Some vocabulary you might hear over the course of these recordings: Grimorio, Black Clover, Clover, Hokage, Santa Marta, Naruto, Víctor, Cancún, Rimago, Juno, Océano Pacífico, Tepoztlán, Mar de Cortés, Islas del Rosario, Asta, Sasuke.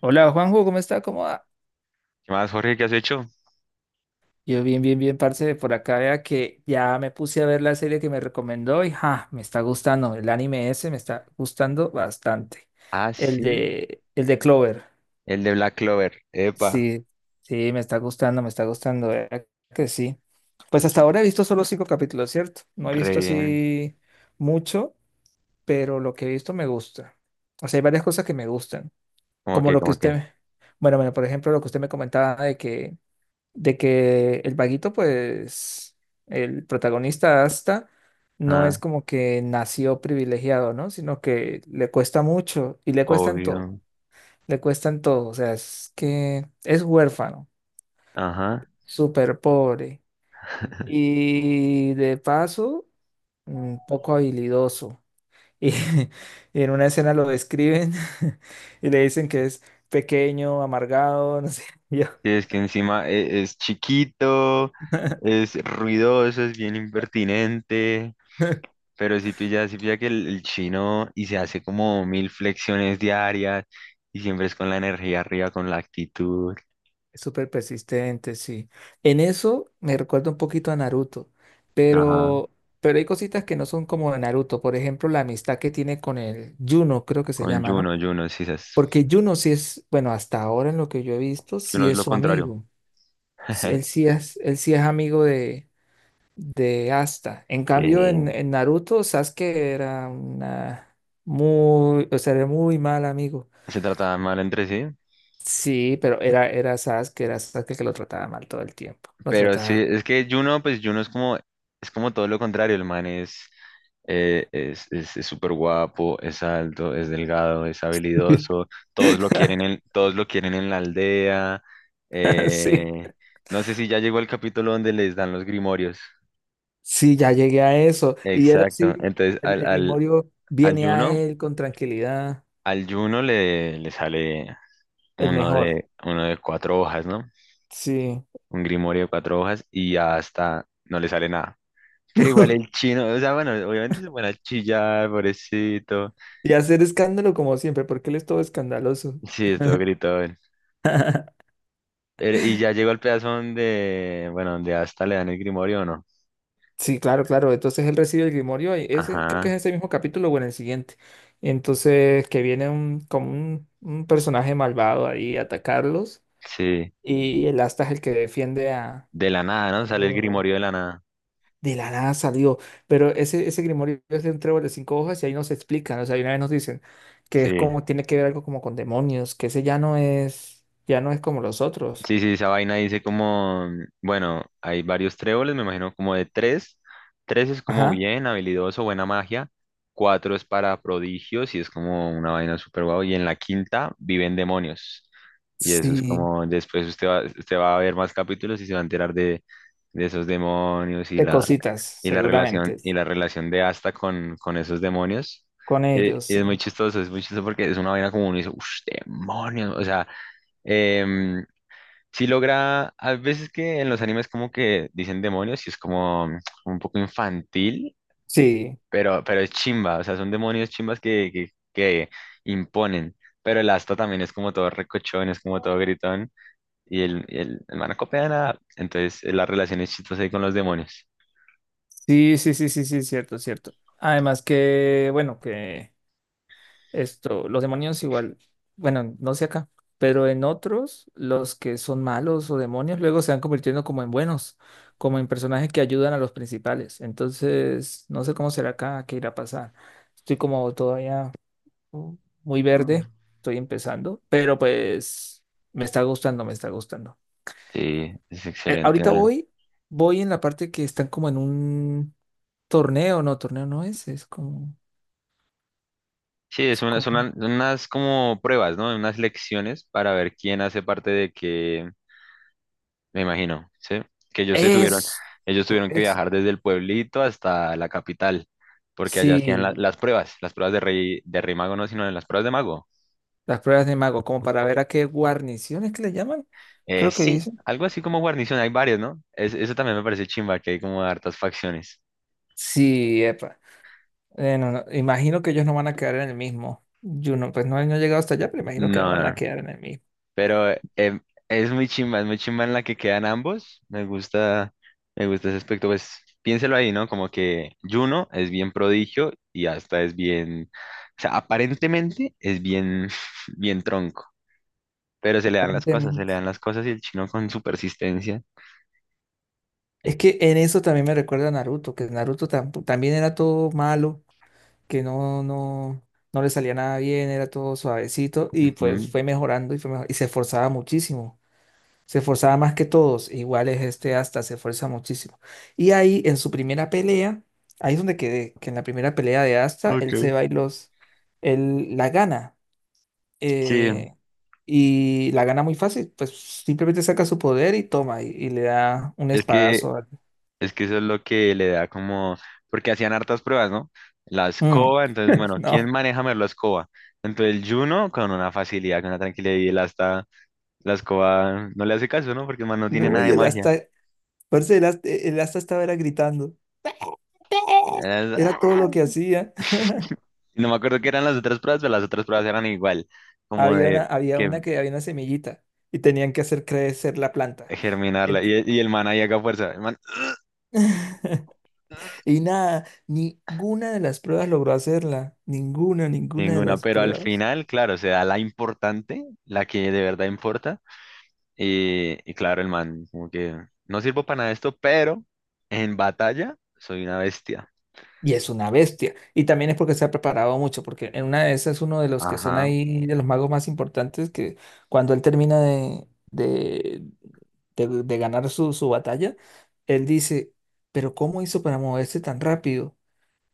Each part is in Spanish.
Hola Juanjo, ¿cómo está? ¿Cómo va? ¿Qué más, Jorge? ¿Qué has hecho? Yo bien, bien, bien, parce, por acá vea que ya me puse a ver la serie que me recomendó y ja, me está gustando, el anime ese me está gustando bastante. Ah, El sí, de, el de Clover, el de Black Clover. Epa, sí, sí, me está gustando, vea que sí. Pues hasta ahora he visto solo cinco capítulos, ¿cierto? No he re visto bien. así mucho, pero lo que he visto me gusta. O sea, hay varias cosas que me gustan, ¿Cómo como que, lo que cómo que? usted, bueno, bueno, por ejemplo, lo que usted me comentaba de que el vaguito, pues, el protagonista Asta, no es Ah, como que nació privilegiado, ¿no? Sino que le cuesta mucho y le cuesta en todo, obvio. le cuesta en todo, o sea, es que es huérfano, Ajá. súper pobre y de paso, poco habilidoso. Y y en una escena lo describen y le dicen que es pequeño, amargado, no sé, yo. Sí, es que encima es chiquito, es ruidoso, es bien impertinente, pero sí pilla que el chino y se hace como mil flexiones diarias y siempre es con la energía arriba, con la actitud. Es súper persistente, sí. En eso me recuerda un poquito a Naruto, Ajá. pero, pero hay cositas que no son como de Naruto. Por ejemplo, la amistad que tiene con el Juno, creo que se Con llama, ¿no? Juno, sí, es, Porque Juno sí es, bueno, hasta ahora en lo que yo he visto, sí Juno es es lo su contrario. amigo. Sí, él sí es, él sí es amigo de Asta. En Sí, cambio, en Naruto, Sasuke era una muy, o sea, era muy mal amigo. se trataban mal entre sí. Sí, pero era, era Sasuke el que lo trataba mal todo el tiempo. Lo Pero sí, trataba. es que Juno, pues Juno es como todo lo contrario, el man es, es súper guapo, es alto, es delgado, es habilidoso, todos lo quieren en la aldea. Sí, Eh, no sé si ya llegó el capítulo donde les dan los grimorios. sí, ya llegué a eso. Y era Exacto. así, Entonces el, al, el al, grimorio al viene a Juno, él con tranquilidad, al Juno le sale el uno mejor. de, uno de cuatro hojas, ¿no? Sí. Un grimorio de cuatro hojas y hasta no le sale nada. Pero igual el chino, o sea, bueno, obviamente se pone a chillar, pobrecito. Y hacer escándalo como siempre, porque él es todo escandaloso. Sí, estuvo gritón. Y ya llegó al pedazo donde, bueno, donde hasta le dan el grimorio, ¿o ¿no? Sí, claro, claro. Entonces él recibe el grimorio y ese, creo que es Ajá, ese mismo capítulo o en el siguiente. Entonces que viene un, como un personaje malvado ahí a atacarlos sí. y el Asta es el que defiende De la nada, ¿no? a Sale el Juno. grimorio de la nada. De la nada salió, pero ese grimorio es de un trébol de cinco hojas y ahí nos explican, o sea, y una vez nos dicen que es Sí. como, tiene que ver algo como con demonios, que ese ya no es como los otros. Sí, sí, esa vaina dice como, bueno, hay varios tréboles, me imagino como de tres. Tres es como Ajá, bien habilidoso, buena magia. Cuatro es para prodigios y es como una vaina súper guau. Y en la quinta viven demonios. Y eso es sí, como, después usted va a ver más capítulos y se va a enterar de esos demonios y de la, cositas, y la relación, seguramente, y sí, la relación de Asta con esos demonios. con ellos. Es muy chistoso porque es una vaina como uno dice, uff, demonios, o sea em, sí logra, a veces que en los animes como que dicen demonios y es como un poco infantil, Sí, pero es chimba, o sea, son demonios chimbas que imponen, pero el Asta también es como todo recochón, es como todo gritón y el man no copia nada, entonces la relación es chistosa ahí con los demonios. sí, sí, sí, sí, sí, cierto, cierto. Además que, bueno, que... Esto, los demonios igual, bueno, no sé acá, pero en otros, los que son malos o demonios luego se van convirtiendo como en buenos, como en personajes que ayudan a los principales. Entonces, no sé cómo será acá, qué irá a pasar. Estoy como todavía mm, muy verde, estoy empezando, pero pues me está gustando, me está gustando. Sí, es excelente, Ahorita ¿no? voy, voy en la parte que están como en un torneo no es, Sí, es es una, como, son unas como pruebas, ¿no? Unas lecciones para ver quién hace parte de qué, me imagino, ¿sí? Que ellos se tuvieron, eso, ellos tuvieron que eso. viajar desde el pueblito hasta la capital, porque allá hacían Sí, las pruebas de rey mago no, sino de las pruebas de mago. las pruebas de mago, como para ver a qué guarniciones que le llaman, creo que Sí, dicen. algo así como guarnición, hay varios, ¿no? Eso también me parece chimba, que hay como hartas facciones. Sí, epa. No, no, imagino que ellos no van a quedar en el mismo. Yo no, pues no, no he llegado hasta allá, pero imagino No, que no no, van a no. quedar en el mismo, Pero es muy chimba en la que quedan ambos. Me gusta ese aspecto. Pues piénselo ahí, ¿no? Como que Juno es bien prodigio y hasta es bien, o sea, aparentemente es bien, bien tronco. Pero se le dan las cosas, se le dan aparentemente. las cosas y el chino con su persistencia. Es que en eso también me recuerda a Naruto, que Naruto tampo- también era todo malo, que no, no, no le salía nada bien, era todo suavecito y pues Ujú. fue mejorando y fue mejor, y se esforzaba muchísimo. Se esforzaba más que todos, e igual es este hasta se esfuerza muchísimo. Y ahí en su primera pelea, ahí es donde quedé, que en la primera pelea de Asta, Ok. él se va y los, él la gana. Sí, eh, y la gana muy fácil, pues simplemente saca su poder y toma y le da un es que espadazo. Al- es que eso es lo que le da como, porque hacían hartas pruebas, ¿no? La Mm. escoba, entonces, bueno, ¿quién No, maneja mejor la escoba? Entonces, Juno con una facilidad, con una tranquilidad, y él hasta la escoba no le hace caso, ¿no? Porque man, no tiene no, nada y de el magia. Asta, parce, el Asta estaba era gritando, era todo lo ¡Ah! que hacía. No me acuerdo qué eran las otras pruebas, pero las otras pruebas eran igual, como de había que una que había una semillita y tenían que hacer crecer la planta. germinarla. Y el man ahí haga fuerza, el man, Y nada, ninguna de las pruebas logró hacerla. Ninguna, ninguna de ninguna, las pero al pruebas. final, claro, se da la importante, la que de verdad importa. Y claro, el man, como que no sirvo para nada de esto, pero en batalla soy una bestia. Y es una bestia. Y también es porque se ha preparado mucho, porque en una de esas uno de los que son Ajá, ahí, de los magos más importantes, que cuando él termina de ganar su, su batalla, él dice, pero ¿cómo hizo para moverse tan rápido?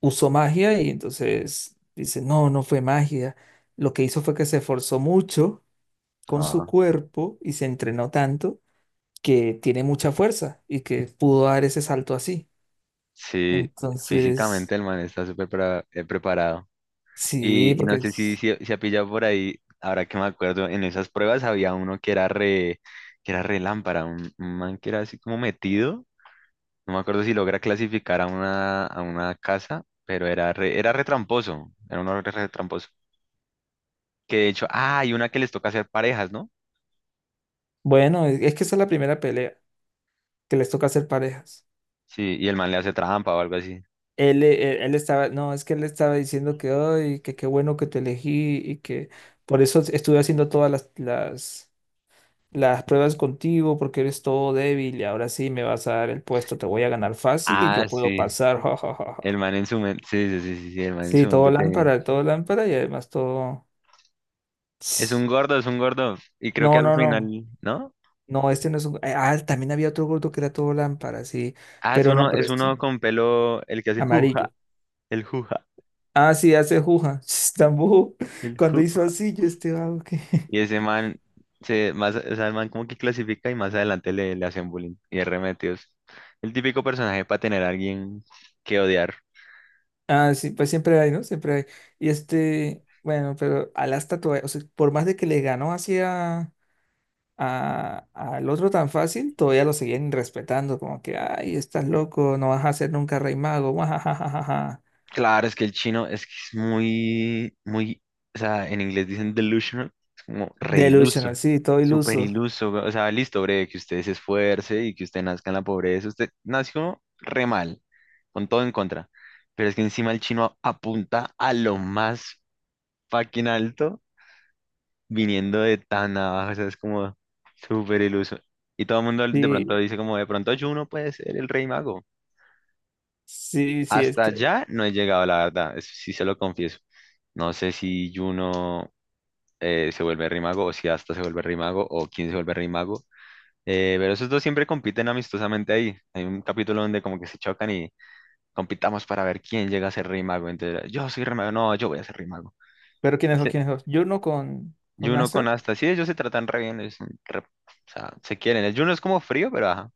Usó magia y entonces dice, no, no fue magia. Lo que hizo fue que se esforzó mucho con su ajá. cuerpo y se entrenó tanto que tiene mucha fuerza y que pudo dar ese salto así. Sí, Entonces, físicamente el man está preparado. sí, Y no porque sé es, si, si ha pillado por ahí, ahora que me acuerdo, en esas pruebas había uno que era re lámpara, un man que era así como metido. No me acuerdo si logra clasificar a una casa, pero era re tramposo, era uno re, re tramposo. Que de hecho, ah, hay una que les toca hacer parejas, ¿no? bueno, es que esa es la primera pelea que les toca hacer parejas. Sí, y el man le hace trampa o algo así. Él, él, estaba, no, es que él estaba diciendo que, ay, que qué bueno que te elegí y que por eso estuve haciendo todas las pruebas contigo porque eres todo débil y ahora sí me vas a dar el puesto, te voy a ganar fácil y yo Ah, puedo sí. pasar, ja, ja, ja, El ja. man en su mente. Sí, sí, sí, sí, sí, el man en Sí, su mente tenía. Todo lámpara y además todo... Es un gordo, es un gordo. Y creo que No, al no, final, no. ¿no? No, este no es un. Ah, también había otro gordo que era todo lámpara, sí. Ah, Pero no, pero es este. uno con pelo, el que hace juja, Amarillo. el juja, Ah, sí, hace juja. Tambujo. el Cuando hizo juja. así, yo este vago que. Y ese man, se, más, o sea, el man como que clasifica y más adelante le hacen bullying y es remetidos. El típico personaje para tener a alguien que odiar. Ah, sí, pues siempre hay, ¿no? Siempre hay. Y este. Bueno, pero Alasta todavía. O sea, por más de que le ganó así a- al otro tan fácil, todavía lo seguían respetando. Como que, ay, estás loco, no vas a ser nunca rey mago. guajajajaja. Claro, es que el chino es que es muy, muy, o sea, en inglés dicen delusional, es como re Delusional, iluso, sí, todo súper iluso. iluso, o sea, listo, breve, que usted se esfuerce y que usted nazca en la pobreza, usted nació re mal, con todo en contra, pero es que encima el chino apunta a lo más fucking alto, viniendo de tan abajo, o sea, es como súper iluso, y todo el mundo de pronto Sí, dice como, de pronto Juno puede ser el rey mago. sí, sí, es Hasta que. allá no he llegado, la verdad, eso sí se lo confieso. No sé si Juno se vuelve Rimago o si Asta se vuelve Rimago o quién se vuelve Rimago. Pero esos dos siempre compiten amistosamente ahí. Hay un capítulo donde como que se chocan y compitamos para ver quién llega a ser Rimago. Entonces, yo soy Rimago, no, yo voy a ser Rimago. Pero quién es o Sí, quién es yo no con, con Juno con Asta. Asta, sí, ellos se tratan re bien, es un o sea, se quieren. El Juno es como frío, pero ajá.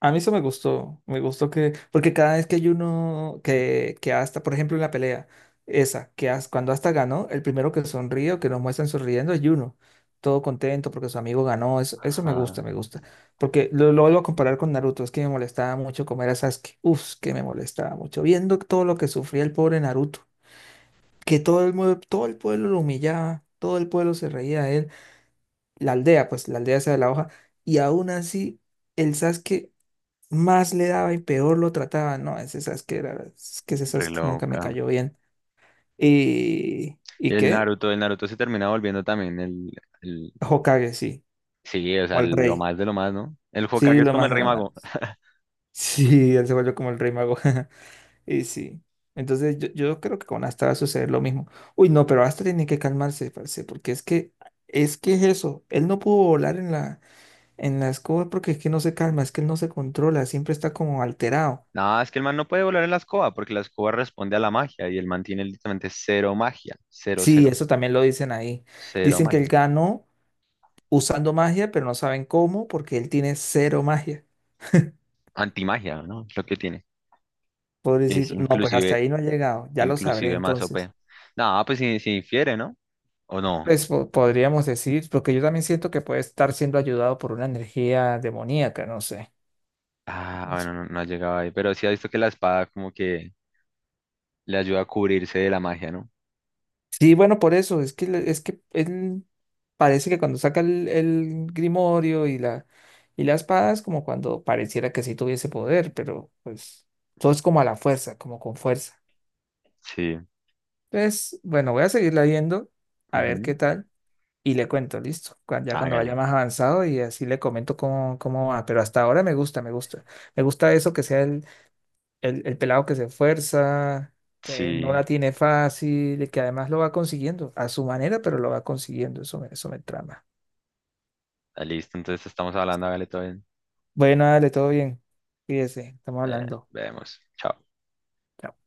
A mí eso me gustó. Me gustó que. Porque cada vez que hay uno que Asta, por ejemplo, en la pelea, esa, que As- cuando Asta ganó, el primero que sonríe o que nos muestran sonriendo es Juno. Todo contento porque su amigo ganó. Eso me gusta, Ajá, me gusta. Porque lo vuelvo a comparar con Naruto. Es que me molestaba mucho como era Sasuke. Uf, que me molestaba mucho. Viendo todo lo que sufría el pobre Naruto. Que todo el, mue- todo el pueblo lo humillaba. Todo el pueblo se reía, la aldea, pues la aldea esa de la hoja, y aún así el Sasuke más le daba y peor lo trataba. No, ese Sasuke era, es que ese re Sasuke nunca me loca. cayó bien. Y ¿Y el qué? Naruto, el Naruto se termina volviendo también el. Hokage, sí, Sí, o como sea, el lo rey. más de lo más, ¿no? El Sí, Hokage es lo como el más de Rey lo más. Mago. Sí, él se volvió como el rey mago. Y sí. Entonces yo creo que con Asta va a suceder lo mismo. Uy, no, pero Asta tiene que calmarse, parce, porque es que, es que es eso. Él no pudo volar en la en la escoba porque es que no se calma, es que él no se controla, siempre está como alterado. Nada, es que el man no puede volar en la escoba porque la escoba responde a la magia y el man tiene literalmente cero magia. Cero, Sí, cero. eso también lo dicen ahí. Cero Dicen que él magia. ganó usando magia, pero no saben cómo porque él tiene cero magia. Antimagia, ¿no? Es lo que tiene. Que es Pobrecito, no, pues hasta inclusive, ahí no ha llegado, ya lo sabré inclusive más OP. entonces. No pues si, si infiere, ¿no? ¿O no? Pues po- podríamos decir, porque yo también siento que puede estar siendo ayudado por una energía demoníaca, no sé. Ah, bueno, no, no ha llegado ahí. Pero sí ha visto que la espada como que le ayuda a cubrirse de la magia, ¿no? Sí, bueno, por eso, es que, le- es que él parece que cuando saca el grimorio y la espada es como cuando pareciera que sí tuviese poder, pero pues todo es como a la fuerza, como con fuerza. Sí. Entonces, bueno, voy a seguirla viendo, a ver Ujú. qué tal, y le cuento, listo, cuan- ya cuando vaya Hágale. más avanzado y así le comento cómo, cómo va, pero hasta ahora me gusta, me gusta, me gusta eso que sea el pelado que se esfuerza, que no Sí. la tiene fácil, y que además lo va consiguiendo a su manera, pero lo va consiguiendo. Eso me trama. Ah, listo, entonces estamos hablando, hágale todo bien. Bueno, dale, todo bien. Fíjese, estamos hablando. Vemos. Chao. Chao.